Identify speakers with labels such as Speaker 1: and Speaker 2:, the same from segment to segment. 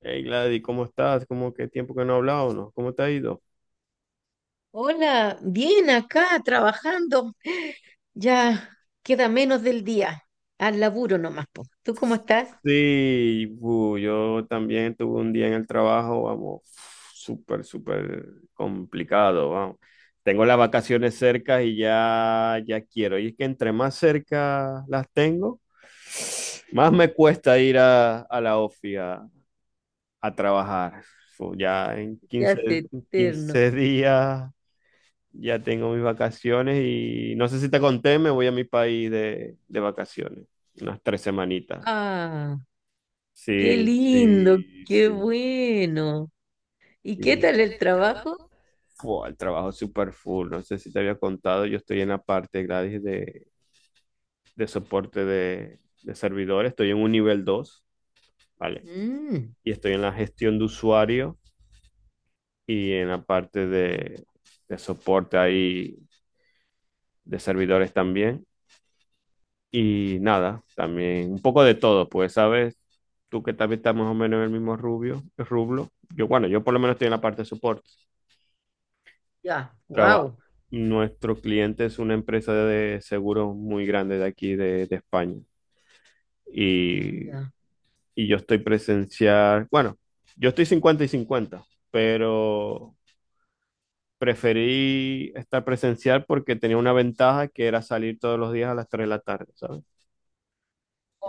Speaker 1: Hey Gladys, ¿cómo estás? ¿Cómo qué tiempo que no hablamos? ¿no? ¿Cómo te ha ido?
Speaker 2: Hola, bien acá trabajando. Ya queda menos del día. Al laburo nomás, po. ¿Tú cómo estás?
Speaker 1: Sí, bu, yo también tuve un día en el trabajo, vamos, súper complicado, vamos. Tengo las vacaciones cerca y ya quiero. Y es que entre más cerca las tengo, más me cuesta ir a la ofi a trabajar. Ya en
Speaker 2: Ya es eterno.
Speaker 1: 15 días ya tengo mis vacaciones y no sé si te conté, me voy a mi país de vacaciones, unas tres semanitas.
Speaker 2: Ah, qué
Speaker 1: Sí,
Speaker 2: lindo,
Speaker 1: sí,
Speaker 2: qué
Speaker 1: sí.
Speaker 2: bueno. ¿Y qué
Speaker 1: ¿Qué
Speaker 2: tal el
Speaker 1: sí?
Speaker 2: trabajo?
Speaker 1: Fua, el trabajo es súper full, no sé si te había contado, yo estoy en la parte gratis de soporte de servidores, estoy en un nivel dos, ¿vale?
Speaker 2: Mm,
Speaker 1: Y estoy en la gestión de usuario y en la parte de soporte ahí de servidores también. Y nada, también un poco de todo, pues, ¿sabes? Tú que también estás más o menos en el mismo rublo. Yo, bueno, yo por lo menos estoy en la parte de support.
Speaker 2: ya,
Speaker 1: Traba
Speaker 2: wow.
Speaker 1: Nuestro cliente es una empresa de seguros muy grande de aquí, de España. Y,
Speaker 2: Ya.
Speaker 1: y yo estoy presencial, bueno, yo estoy 50 y cincuenta, pero preferí estar presencial porque tenía una ventaja que era salir todos los días a las 3 de la tarde, ¿sabes?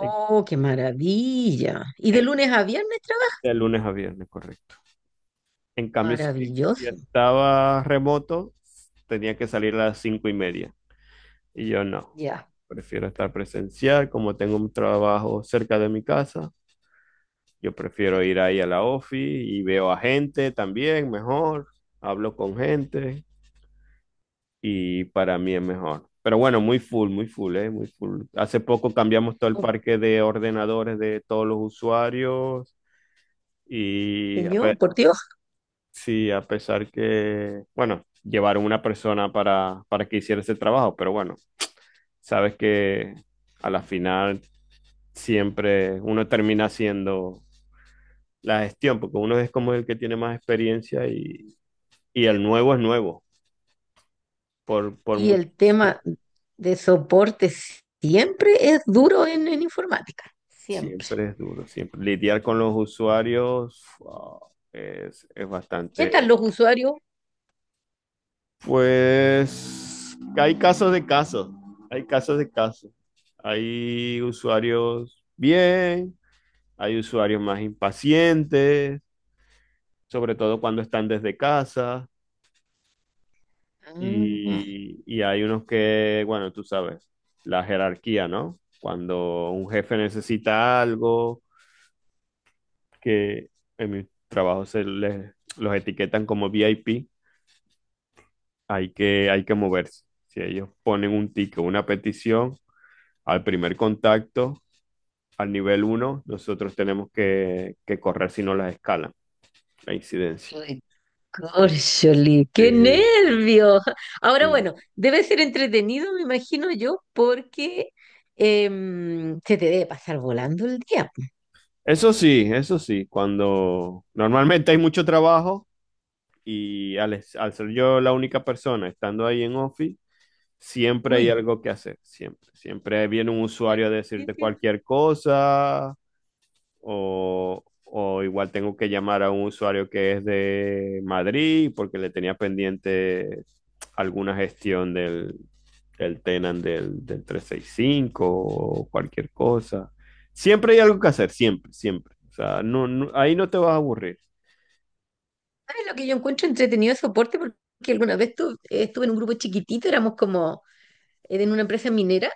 Speaker 1: En-
Speaker 2: qué maravilla. ¿Y de
Speaker 1: en-
Speaker 2: lunes a viernes trabajas?
Speaker 1: De lunes a viernes, correcto. En cambio, si
Speaker 2: Maravilloso.
Speaker 1: estaba remoto, tenía que salir a las cinco y media. Y yo no.
Speaker 2: Ya,
Speaker 1: Prefiero estar presencial, como tengo un trabajo cerca de mi casa. Yo prefiero ir
Speaker 2: excelente.
Speaker 1: ahí a la ofi y veo a gente también, mejor. Hablo con gente y para mí es mejor. Pero bueno, muy full, muy full, muy full. Hace poco cambiamos todo el
Speaker 2: Oh,
Speaker 1: parque de ordenadores de todos los usuarios y a,
Speaker 2: señor, por Dios.
Speaker 1: sí, a pesar que, bueno, llevaron una persona para que hiciera ese trabajo, pero bueno, sabes que a la final siempre uno termina haciendo la gestión, porque uno es como el que tiene más experiencia y el nuevo es nuevo, por
Speaker 2: Y
Speaker 1: mucho,
Speaker 2: el
Speaker 1: sí,
Speaker 2: tema de soporte siempre es duro en informática, siempre.
Speaker 1: siempre es duro, siempre lidiar con los usuarios, wow, es
Speaker 2: ¿Qué tal
Speaker 1: bastante.
Speaker 2: los usuarios?
Speaker 1: Pues hay casos de casos, hay casos de casos. Hay usuarios bien, hay usuarios más impacientes, sobre todo cuando están desde casa,
Speaker 2: Ah,
Speaker 1: y hay unos que, bueno, tú sabes, la jerarquía, ¿no? Cuando un jefe necesita algo, que en mi trabajo los etiquetan como VIP, hay que moverse. Si ellos ponen un ticket, una petición, al primer contacto, al nivel uno, nosotros tenemos que correr si no las escalan, la incidencia.
Speaker 2: córcholi, qué
Speaker 1: Sí,
Speaker 2: nervios. Ahora
Speaker 1: sí.
Speaker 2: bueno, debe ser entretenido, me imagino yo, porque se te debe pasar volando el día.
Speaker 1: Eso sí, eso sí, cuando normalmente hay mucho trabajo y al ser yo la única persona estando ahí en Office, siempre hay
Speaker 2: Uy,
Speaker 1: algo que hacer, siempre. Siempre viene un usuario a
Speaker 2: sí,
Speaker 1: decirte
Speaker 2: sí.
Speaker 1: cualquier cosa, o igual tengo que llamar a un usuario que es de Madrid porque le tenía pendiente alguna gestión del Tenant del trescientos sesenta y cinco o cualquier cosa. Siempre hay algo que hacer, siempre, siempre. O sea, ahí no te vas a aburrir.
Speaker 2: ¿Sabes lo que yo encuentro entretenido de soporte? Porque alguna vez estuve en un grupo chiquitito, éramos como en una empresa minera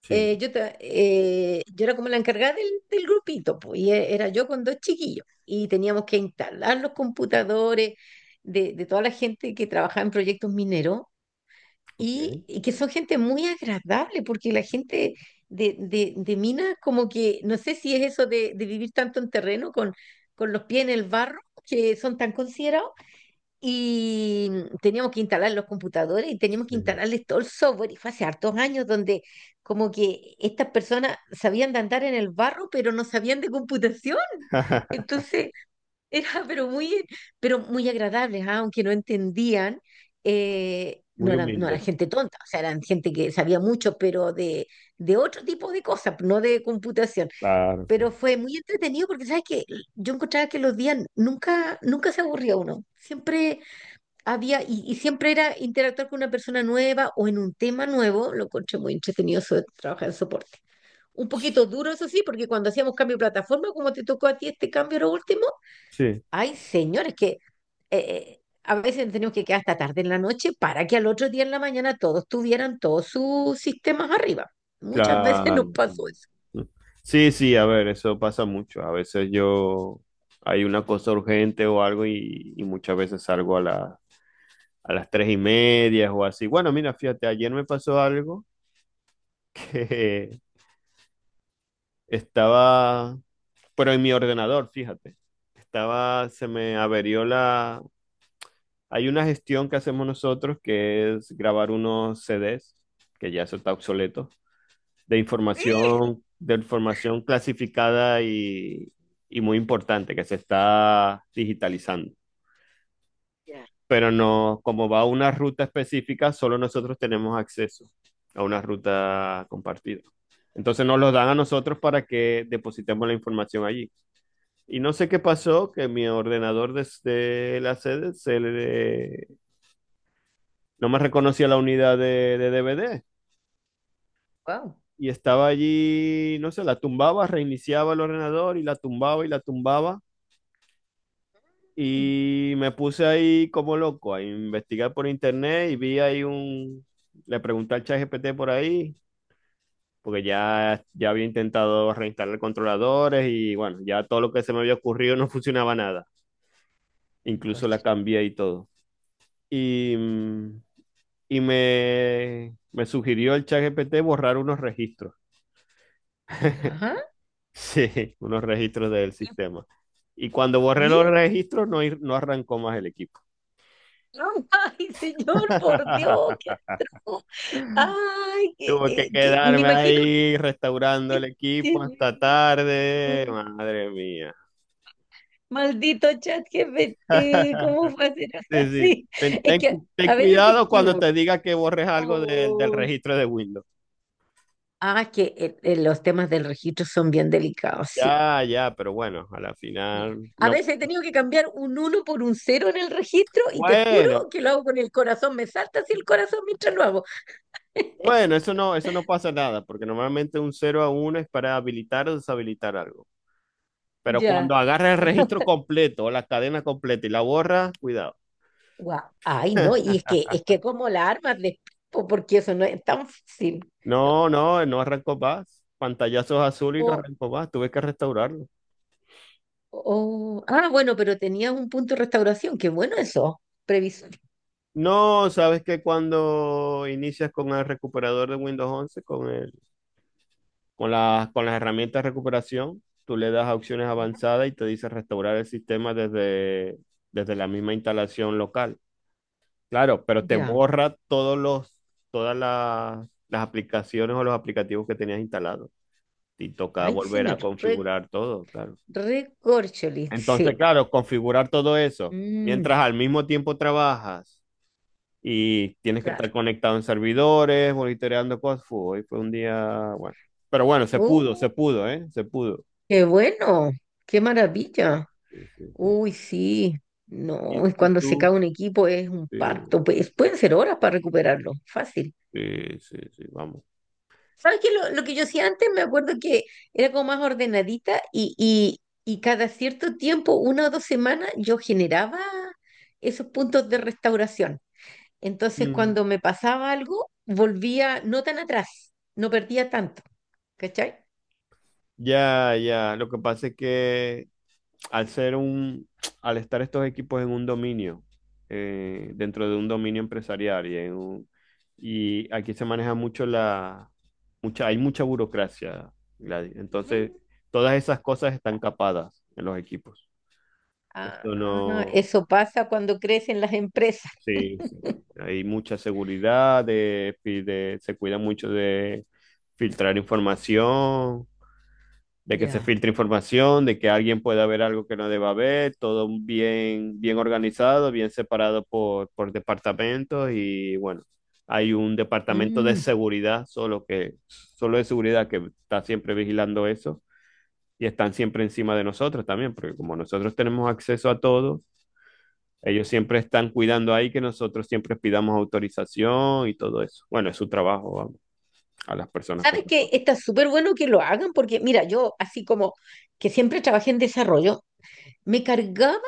Speaker 1: Sí,
Speaker 2: yo, yo era como la encargada del grupito, pues, y era yo con dos chiquillos, y teníamos que instalar los computadores de toda la gente que trabajaba en proyectos mineros,
Speaker 1: ok.
Speaker 2: y que son gente muy agradable, porque la gente de minas, como que, no sé si es eso de vivir tanto en terreno con los pies en el barro, que son tan considerados y teníamos que instalar los computadores y teníamos que
Speaker 1: Sí.
Speaker 2: instalarles todo el software. Y fue hace hartos años donde como que estas personas sabían de andar en el barro, pero no sabían de computación. Entonces era pero muy agradables, ¿ah? Aunque no entendían, no
Speaker 1: Muy
Speaker 2: eran, no eran
Speaker 1: humilde.
Speaker 2: gente tonta, o sea, eran gente que sabía mucho, pero de otro tipo de cosas, no de computación.
Speaker 1: Claro, claro.
Speaker 2: Pero fue muy entretenido porque, ¿sabes que yo encontraba que los días nunca, nunca se aburría uno? Siempre había, y siempre era interactuar con una persona nueva o en un tema nuevo, lo encontré muy entretenido eso de trabajar en soporte. Un poquito duro, eso sí, porque cuando hacíamos cambio de plataforma, como te tocó a ti este cambio lo último,
Speaker 1: Sí.
Speaker 2: ay, señores, que a veces teníamos que quedar hasta tarde en la noche para que al otro día en la mañana todos tuvieran todos sus sistemas arriba. Muchas veces
Speaker 1: Claro.
Speaker 2: nos pasó
Speaker 1: Mm.
Speaker 2: eso.
Speaker 1: Sí, sí, a ver, eso pasa mucho. A veces yo hay una cosa urgente o algo y muchas veces salgo a a las tres y media o así. Bueno, mira, fíjate, ayer me pasó algo que estaba, pero en mi ordenador, fíjate, estaba, se me averió la... Hay una gestión que hacemos nosotros que es grabar unos CDs, que ya eso está obsoleto, de información clasificada y muy importante que se está digitalizando.
Speaker 2: Ya.
Speaker 1: Pero no, como va a una ruta específica, solo nosotros tenemos acceso a una ruta compartida. Entonces nos lo dan a nosotros para que depositemos la información allí. Y no sé qué pasó, que mi ordenador desde la sede no me reconocía la unidad de DVD.
Speaker 2: Wow.
Speaker 1: Y estaba allí, no sé, la tumbaba, reiniciaba el ordenador y la tumbaba y la tumbaba.
Speaker 2: Mm,
Speaker 1: Y me puse ahí como loco a investigar por internet y vi ahí un... Le pregunté al ChatGPT por ahí, porque ya había intentado reinstalar controladores y bueno, ya todo lo que se me había ocurrido no funcionaba nada. Incluso la
Speaker 2: cóchale.
Speaker 1: cambié y todo. Y, me sugirió el ChatGPT borrar unos registros.
Speaker 2: Ya.
Speaker 1: Sí, unos registros del sistema. Y cuando borré los
Speaker 2: ¿Y?
Speaker 1: registros, no, no arrancó más el equipo.
Speaker 2: Ay, señor, por Dios, qué atroz. Ay, que,
Speaker 1: Tuve que
Speaker 2: me
Speaker 1: quedarme
Speaker 2: imagino
Speaker 1: ahí restaurando
Speaker 2: que
Speaker 1: el
Speaker 2: qué
Speaker 1: equipo hasta
Speaker 2: terrible.
Speaker 1: tarde. Madre mía.
Speaker 2: Maldito chat GPT, ¿cómo fue hacer algo
Speaker 1: Sí, sí.
Speaker 2: así? Es que
Speaker 1: Ten
Speaker 2: a veces se
Speaker 1: cuidado cuando
Speaker 2: equivoca.
Speaker 1: te diga que borres algo del
Speaker 2: Oh.
Speaker 1: registro de Windows.
Speaker 2: Ah, es que los temas del registro son bien delicados, sí.
Speaker 1: Ya, ya, pero bueno, a la
Speaker 2: Sí.
Speaker 1: final
Speaker 2: A
Speaker 1: no.
Speaker 2: veces he tenido que cambiar un uno por un cero en el registro y te juro
Speaker 1: Bueno,
Speaker 2: que lo hago con el corazón, me salta así el corazón mientras lo hago.
Speaker 1: bueno, eso no pasa nada, porque normalmente un cero a uno es para habilitar o deshabilitar algo. Pero cuando
Speaker 2: Ya.
Speaker 1: agarra el registro completo, la cadena completa y la borra, cuidado.
Speaker 2: Guau. Ay, no, y es que, como la armas de po, porque eso no es tan fácil.
Speaker 1: No, no, no arrancó más. Pantallazos azul y no
Speaker 2: O,
Speaker 1: arrancó más. Tuve que restaurarlo.
Speaker 2: ah, bueno, pero tenías un punto de restauración, qué bueno eso, previsión.
Speaker 1: No, sabes que cuando inicias con el recuperador de Windows 11, con las herramientas de recuperación, tú le das a opciones
Speaker 2: Ya,
Speaker 1: avanzadas y te dice restaurar el sistema desde la misma instalación local. Claro, pero te
Speaker 2: ya.
Speaker 1: borra las aplicaciones o los aplicativos que tenías instalados, y toca
Speaker 2: Ay,
Speaker 1: volver a
Speaker 2: señor,
Speaker 1: configurar todo, claro.
Speaker 2: recorcholis, sí.
Speaker 1: Entonces, claro, configurar todo eso,
Speaker 2: Mm,
Speaker 1: mientras al mismo tiempo trabajas y tienes que estar
Speaker 2: claro.
Speaker 1: conectado en servidores, monitoreando cosas, fu, hoy fue un día, bueno, pero bueno, se
Speaker 2: Oh,
Speaker 1: pudo, ¿eh? Se pudo.
Speaker 2: qué bueno, qué maravilla.
Speaker 1: Sí, sí, sí.
Speaker 2: Uy, sí. No, es
Speaker 1: Y
Speaker 2: cuando se cae
Speaker 1: tú?
Speaker 2: un equipo es un
Speaker 1: Sí,
Speaker 2: parto, pues pueden ser horas para recuperarlo, fácil.
Speaker 1: sí, sí, sí, vamos.
Speaker 2: ¿Sabes qué? Lo que yo hacía antes, me acuerdo que era como más ordenadita y cada cierto tiempo, una o dos semanas, yo generaba esos puntos de restauración. Entonces,
Speaker 1: Mm.
Speaker 2: cuando me pasaba algo, volvía no tan atrás, no perdía tanto, ¿cachai?
Speaker 1: Ya, ya, lo que pasa es que al ser un, al estar estos equipos en un dominio, dentro de un dominio empresarial y aquí se maneja mucho hay mucha burocracia, Gladys. Entonces,
Speaker 2: Mm.
Speaker 1: todas esas cosas están capadas en los equipos.
Speaker 2: Ah,
Speaker 1: Esto
Speaker 2: no, no,
Speaker 1: no,
Speaker 2: eso pasa cuando crecen las empresas.
Speaker 1: sí, sí, sí. Hay mucha seguridad, se cuida mucho de filtrar información, de que se
Speaker 2: Ya.
Speaker 1: filtre información, de que alguien pueda ver algo que no deba ver, todo bien, bien organizado, bien separado por departamentos y bueno, hay un departamento de
Speaker 2: Mm.
Speaker 1: seguridad solo que, solo de seguridad que está siempre vigilando eso y están siempre encima de nosotros también, porque como nosotros tenemos acceso a todo, ellos siempre están cuidando ahí que nosotros siempre pidamos autorización y todo eso. Bueno, es su trabajo, vamos, a las personas
Speaker 2: ¿Sabes qué?
Speaker 1: correspondientes.
Speaker 2: Está súper bueno que lo hagan porque, mira, yo así como que siempre trabajé en desarrollo, me cargaba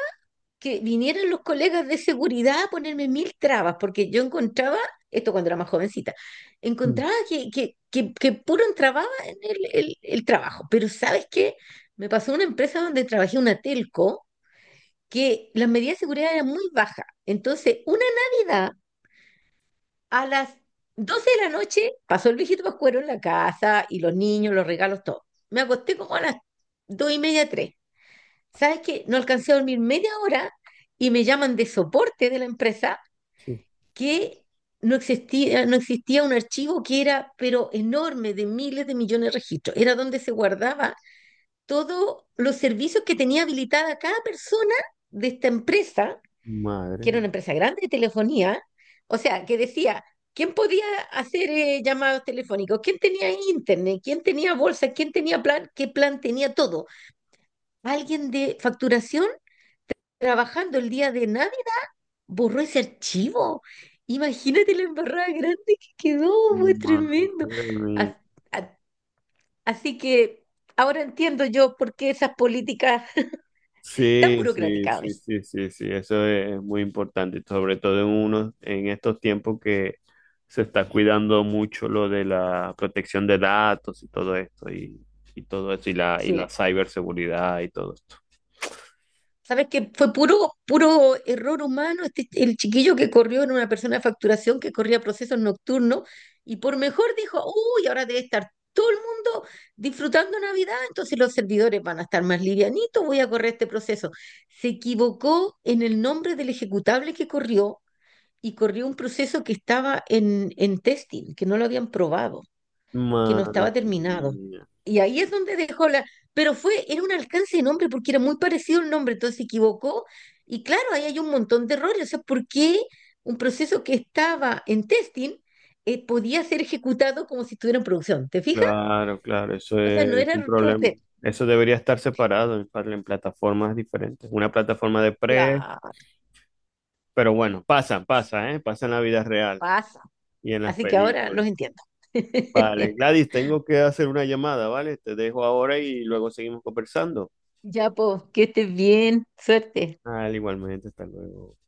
Speaker 2: que vinieran los colegas de seguridad a ponerme mil trabas, porque yo encontraba, esto cuando era más jovencita,
Speaker 1: Mm,
Speaker 2: encontraba que puro entrababa en el trabajo. Pero ¿sabes qué? Me pasó una empresa donde trabajé, una telco, que las medidas de seguridad eran muy bajas. Entonces, una Navidad a las 12 de la noche pasó el viejito Pascuero en la casa y los niños, los regalos, todo. Me acosté como a las dos y media, tres. ¿Sabes qué? No alcancé a dormir media hora y me llaman de soporte de la empresa
Speaker 1: sí.
Speaker 2: que no existía, no existía un archivo que era, pero enorme, de miles de millones de registros. Era donde se guardaba todos los servicios que tenía habilitada cada persona de esta empresa, que era
Speaker 1: Madre
Speaker 2: una empresa grande de telefonía. O sea, que decía, ¿quién podía hacer llamados telefónicos? ¿Quién tenía internet? ¿Quién tenía bolsa? ¿Quién tenía plan? ¿Qué plan tenía todo? Alguien de facturación trabajando el día de nadie, borró ese archivo. Imagínate la embarrada grande que quedó, fue tremendo.
Speaker 1: Madre mía.
Speaker 2: As- a- Así que ahora entiendo yo por qué esas políticas tan
Speaker 1: Sí, sí,
Speaker 2: burocráticas a
Speaker 1: sí,
Speaker 2: veces.
Speaker 1: sí, sí, sí, eso es muy importante, sobre todo en estos tiempos que se está cuidando mucho lo de la protección de datos y todo esto, y todo eso, y la
Speaker 2: Sí.
Speaker 1: ciberseguridad y todo esto.
Speaker 2: ¿Sabes qué? Fue puro, puro error humano este, el chiquillo que corrió en una persona de facturación que corría procesos nocturnos y por mejor dijo, uy, ahora debe estar todo el mundo disfrutando Navidad, entonces los servidores van a estar más livianitos, voy a correr este proceso. Se equivocó en el nombre del ejecutable que corrió y corrió un proceso que estaba en testing, que no lo habían probado, que no
Speaker 1: Madre
Speaker 2: estaba terminado.
Speaker 1: mía.
Speaker 2: Y ahí es donde dejó la... Pero fue, era un alcance de nombre porque era muy parecido el nombre, entonces se equivocó. Y claro, ahí hay un montón de errores. O sea, ¿por qué un proceso que estaba en testing podía ser ejecutado como si estuviera en producción? ¿Te fijas?
Speaker 1: Claro, claro, eso
Speaker 2: O sea, no
Speaker 1: es
Speaker 2: era
Speaker 1: un
Speaker 2: error
Speaker 1: problema.
Speaker 2: de...
Speaker 1: Eso debería estar separado en plataformas diferentes. Una plataforma de pre,
Speaker 2: La
Speaker 1: pero bueno, pasa, pasa, ¿eh? Pasa en la vida real.
Speaker 2: pasa.
Speaker 1: Y en las
Speaker 2: Así que ahora
Speaker 1: películas.
Speaker 2: los entiendo.
Speaker 1: Vale, Gladys, tengo que hacer una llamada, ¿vale? Te dejo ahora y luego seguimos conversando.
Speaker 2: Ya, pues, que estés bien. Suerte.
Speaker 1: Al igualmente, hasta luego.